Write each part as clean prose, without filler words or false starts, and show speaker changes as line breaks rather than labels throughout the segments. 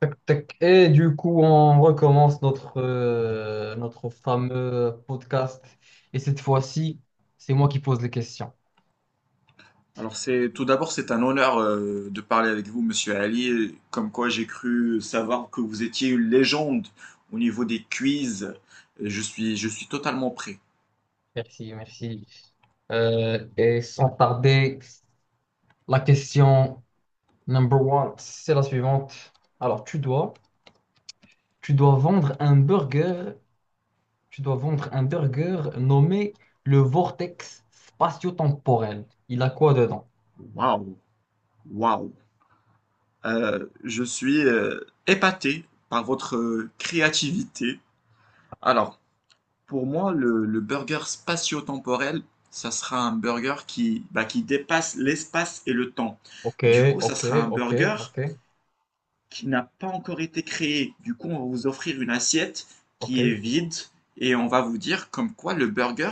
Tac, tac. Et du coup, on recommence notre fameux podcast. Et cette fois-ci, c'est moi qui pose les questions.
Alors, c'est tout d'abord c'est un honneur de parler avec vous, Monsieur Ali. Comme quoi j'ai cru savoir que vous étiez une légende au niveau des quiz. Je suis totalement prêt.
Merci, merci. Et sans tarder, la question number one, c'est la suivante. Alors, tu dois vendre un burger, tu dois vendre un burger nommé le Vortex spatio-temporel. Il a quoi dedans?
Waouh, waouh. Je suis épaté par votre créativité. Alors, pour moi, le burger spatio-temporel, ça sera un burger qui dépasse l'espace et le temps.
Ok,
Du coup, ça
ok,
sera un
ok,
burger
ok,
qui n'a pas encore été créé. Du coup, on va vous offrir une assiette qui est
ok.
vide et on va vous dire comme quoi le burger,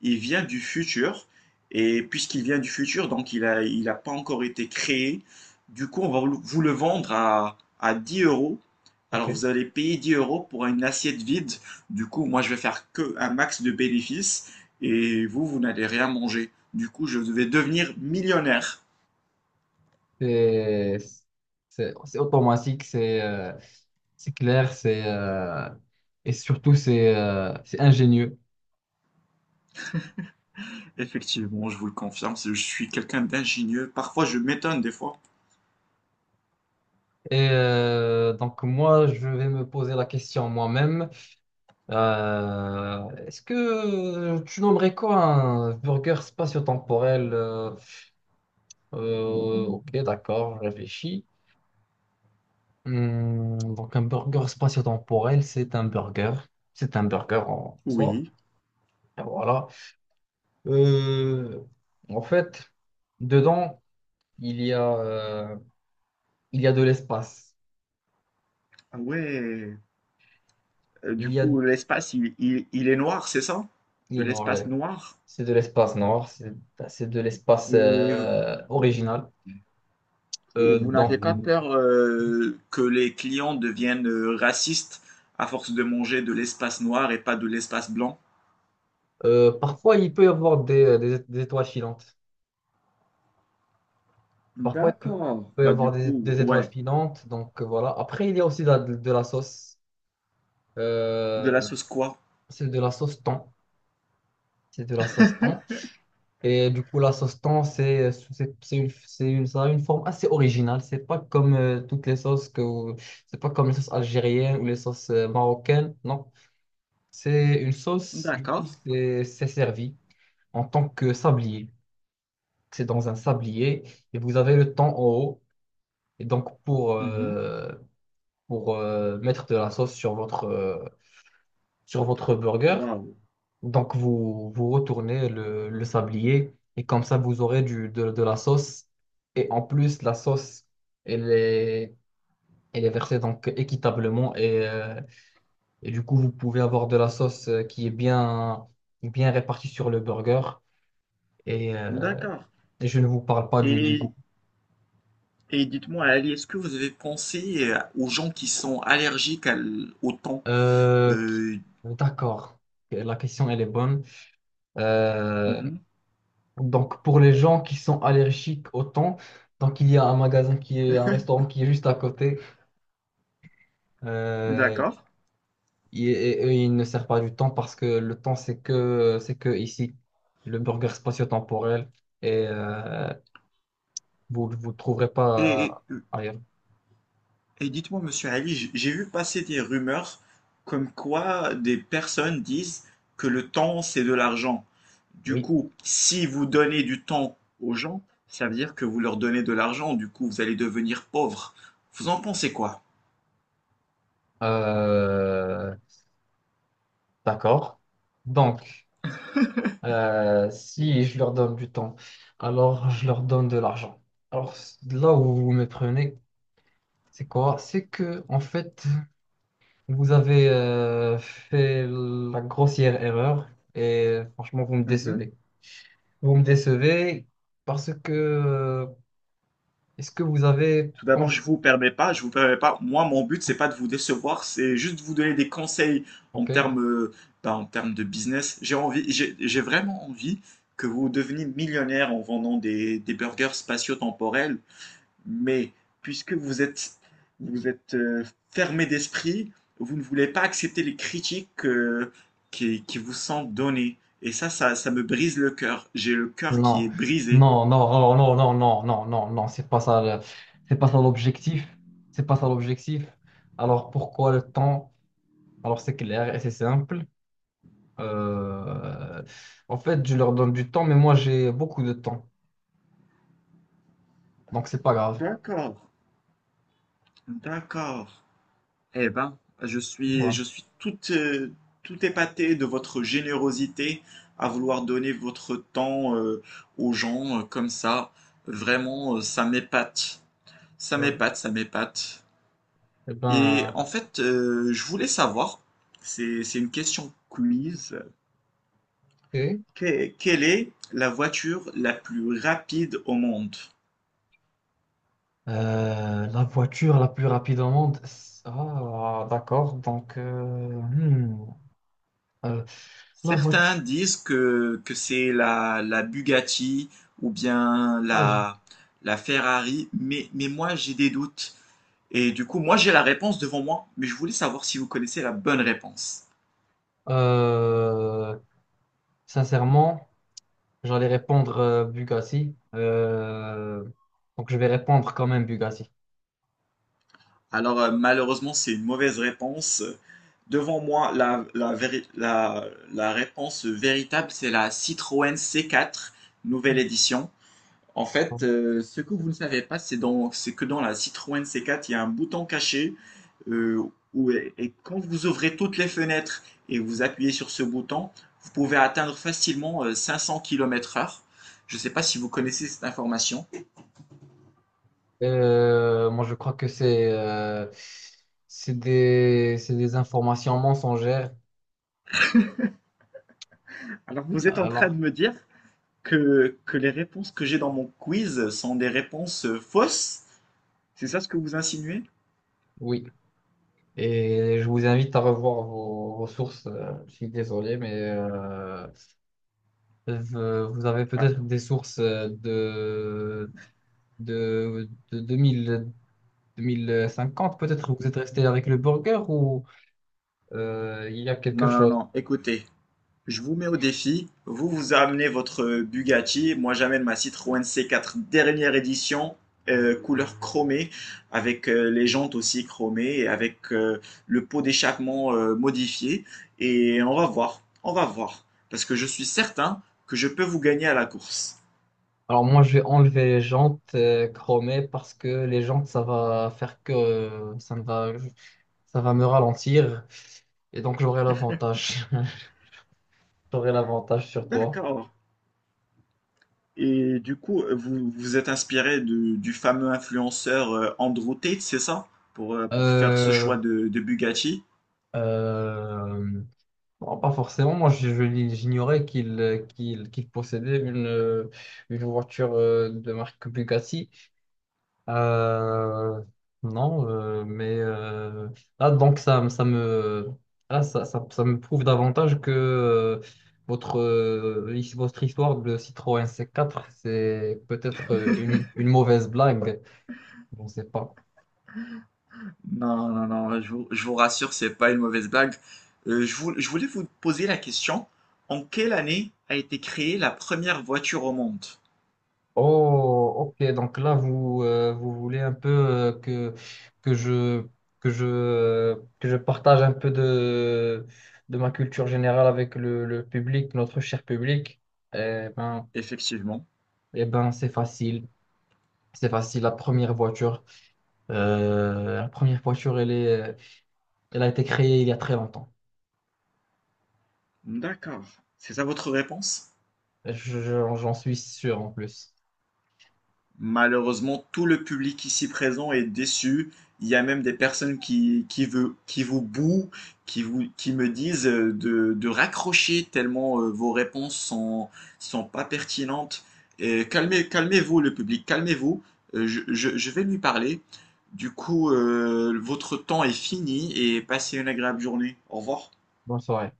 il vient du futur. Et puisqu'il vient du futur, donc il a pas encore été créé. Du coup, on va le vendre à 10 euros.
Ok.
Alors, vous allez payer 10 euros pour une assiette vide. Du coup, moi, je vais faire que un max de bénéfices et vous, vous n'allez rien manger. Du coup, je vais devenir millionnaire.
C'est c'est automatique, c'est clair, c'est et surtout c'est ingénieux.
Effectivement, je vous le confirme, je suis quelqu'un d'ingénieux. Parfois, je m'étonne des fois.
Et donc moi, je vais me poser la question moi-même. Est-ce que tu nommerais quoi un burger spatio-temporel? Ok, d'accord, je réfléchis. Donc un burger spatio-temporel, c'est un burger. C'est un burger en soi.
Oui.
Et voilà. Euh, en fait, dedans, il y a, euh, il y a de l'espace.
Ah ouais. Du
Il y a,
coup, l'espace, il est noir, c'est ça?
il
De
est noir, là.
l'espace noir?
C'est de l'espace noir, c'est de l'espace
Et,
original.
Et
Euh,
vous n'avez
donc,
pas peur que les clients deviennent racistes à force de manger de l'espace noir et pas de l'espace blanc?
euh, parfois, il peut y avoir des étoiles filantes. Parfois, il peut,
D'accord.
peut y
Bah, du
avoir des,
coup,
des étoiles
ouais.
filantes. Donc, voilà. Après, il y a aussi de la sauce.
De la
Euh,
sauce quoi?
c'est de la sauce thon. C'est de la sauce thon. Et du coup, la sauce thon, ça a une forme assez originale. C'est pas comme toutes les sauces c'est pas comme les sauces algériennes ou les sauces marocaines. Non, c'est une sauce. Du coup,
D'accord.
c'est servi en tant que sablier. C'est dans un sablier et vous avez le thon en haut. Et donc pour
Mhm.
euh, pour euh, mettre de la sauce sur votre burger,
Waouh.
donc, vous retournez le sablier et comme ça, vous aurez de la sauce. Et en plus, la sauce, elle est, elle est versée donc équitablement. Et du coup, vous pouvez avoir de la sauce, qui est bien, bien répartie sur le burger. Et, euh,
D'accord.
et je ne vous parle pas du
Et
goût.
Et dites-moi, Ali, est-ce que vous avez pensé aux gens qui sont allergiques au thon?
Euh,
Euh,
d'accord. La question, elle est bonne. Euh,
mhm,
donc, pour les gens qui sont allergiques au thon, donc il y a un restaurant qui est juste à côté. Euh,
d'accord.
il- et, il ne sert pas du temps parce que le temps, c'est que ici, le burger spatio-temporel, et vous ne vous le trouverez
Et, et-
pas
euh,
ailleurs.
et dites-moi, monsieur Ali, j'ai vu passer des rumeurs comme quoi des personnes disent que le temps, c'est de l'argent. Du
Oui.
coup, si vous donnez du temps aux gens, ça veut dire que vous leur donnez de l'argent. Du coup, vous allez devenir pauvre. Vous en pensez quoi?
Euh, d'accord. Donc, si je leur donne du temps, alors je leur donne de l'argent. Alors, là où vous me prenez, c'est quoi? C'est que, en fait, vous avez fait la grossière erreur et franchement, vous me décevez. Vous me décevez parce que est-ce que vous avez
Tout d'abord, je
pensé.
vous permets pas, je vous permets pas. Moi, mon but, c'est pas de vous décevoir, c'est juste de vous donner des conseils en termes,
OK.
euh, en termes de business. J'ai envie, j'ai vraiment envie que vous deveniez millionnaire en vendant des burgers spatio-temporels. Mais puisque vous êtes fermé d'esprit, vous ne voulez pas accepter les critiques qui vous sont données. Et ça me brise le cœur. J'ai le cœur qui
Non.
est brisé.
Non, non, non, non, non, non, non, non, non, c'est pas ça le- c'est pas ça l'objectif. C'est pas ça l'objectif. Alors pourquoi le temps? Alors c'est clair et c'est simple. Euh, en fait, je leur donne du temps, mais moi j'ai beaucoup de temps. Donc c'est pas grave.
D'accord, d'accord. Eh ben, je suis,
Voilà.
je suis tout épaté de votre générosité à vouloir donner votre temps aux gens comme ça. Vraiment, ça m'épate. Ça
Euh,
m'épate, ça m'épate.
eh
Et
ben,
en fait, je voulais savoir, c'est une question quiz,
OK.
quelle est la voiture la plus rapide au monde?
La voiture la plus rapide au monde. Ah, d'accord. Donc, hmm. Euh, la
Certains
voiture.
disent que c'est la Bugatti ou bien
Ah, j'ai-
la Ferrari, mais moi j'ai des doutes. Et du coup, moi j'ai la réponse devant moi, mais je voulais savoir si vous connaissez la bonne réponse.
Euh, sincèrement, j'allais répondre Bugatti. Donc, je vais répondre quand même Bugatti.
Alors, malheureusement, c'est une mauvaise réponse. Devant moi, la réponse véritable, c'est la Citroën C4, nouvelle édition. En fait, ce que vous ne savez pas, c'est que dans la Citroën C4, il y a un bouton caché euh, et quand vous ouvrez toutes les fenêtres et vous appuyez sur ce bouton, vous pouvez atteindre facilement 500 km/h. Je ne sais pas si vous connaissez cette information.
Moi, je crois que c'est des informations mensongères.
Alors, vous êtes en train de
Alors,
me dire que les réponses que j'ai dans mon quiz sont des réponses fausses? C'est ça ce que vous insinuez?
oui. Et je vous invite à revoir vos sources. Je suis désolé, mais vous avez
Ah,
peut-être des sources de 2000 2050, peut-être vous êtes resté avec le burger ou il y a quelque
non, non,
chose.
non, écoutez. Je vous mets au défi. Vous, vous amenez votre Bugatti. Moi, j'amène ma Citroën C4 dernière édition, couleur chromée, avec les jantes aussi chromées et avec le pot d'échappement modifié. Et on va voir. On va voir. Parce que je suis certain que je peux vous gagner à la course.
Alors moi, je vais enlever les jantes chromées parce que les jantes, ça va faire que ça va me ralentir et donc j'aurai l'avantage. J'aurai l'avantage sur toi.
D'accord. Et du coup, vous vous êtes inspiré du fameux influenceur Andrew Tate, c'est ça? Pour faire ce
Euh,
choix de Bugatti.
euh, bon, pas forcément. Moi, j'ignorais qu'il possédait une voiture de marque Bugatti. Euh, non, mais là, donc ça me, là, ça me prouve davantage que votre histoire de Citroën C4, c'est peut-être une mauvaise blague. Je ne sais pas.
Non, non, non, je vous rassure, c'est pas une mauvaise blague. Je voulais vous poser la question, en quelle année a été créée la première voiture au monde?
Oh, ok, donc là, vous voulez un peu que je, que je partage un peu de ma culture générale avec le public, notre cher public. Eh ben,
Effectivement.
Eh ben, c'est facile. C'est facile. La première voiture, elle a été créée il y a très longtemps.
D'accord. C'est ça votre réponse?
Je- j'en suis sûr en plus.
Malheureusement, tout le public ici présent est déçu. Il y a même des personnes qui vous bouent, qui me disent de raccrocher tellement vos réponses sont pas pertinentes. Et calmez-vous, le public, calmez-vous. Je vais lui parler. Du coup, votre temps est fini et passez une agréable journée. Au revoir.
Bonne soirée.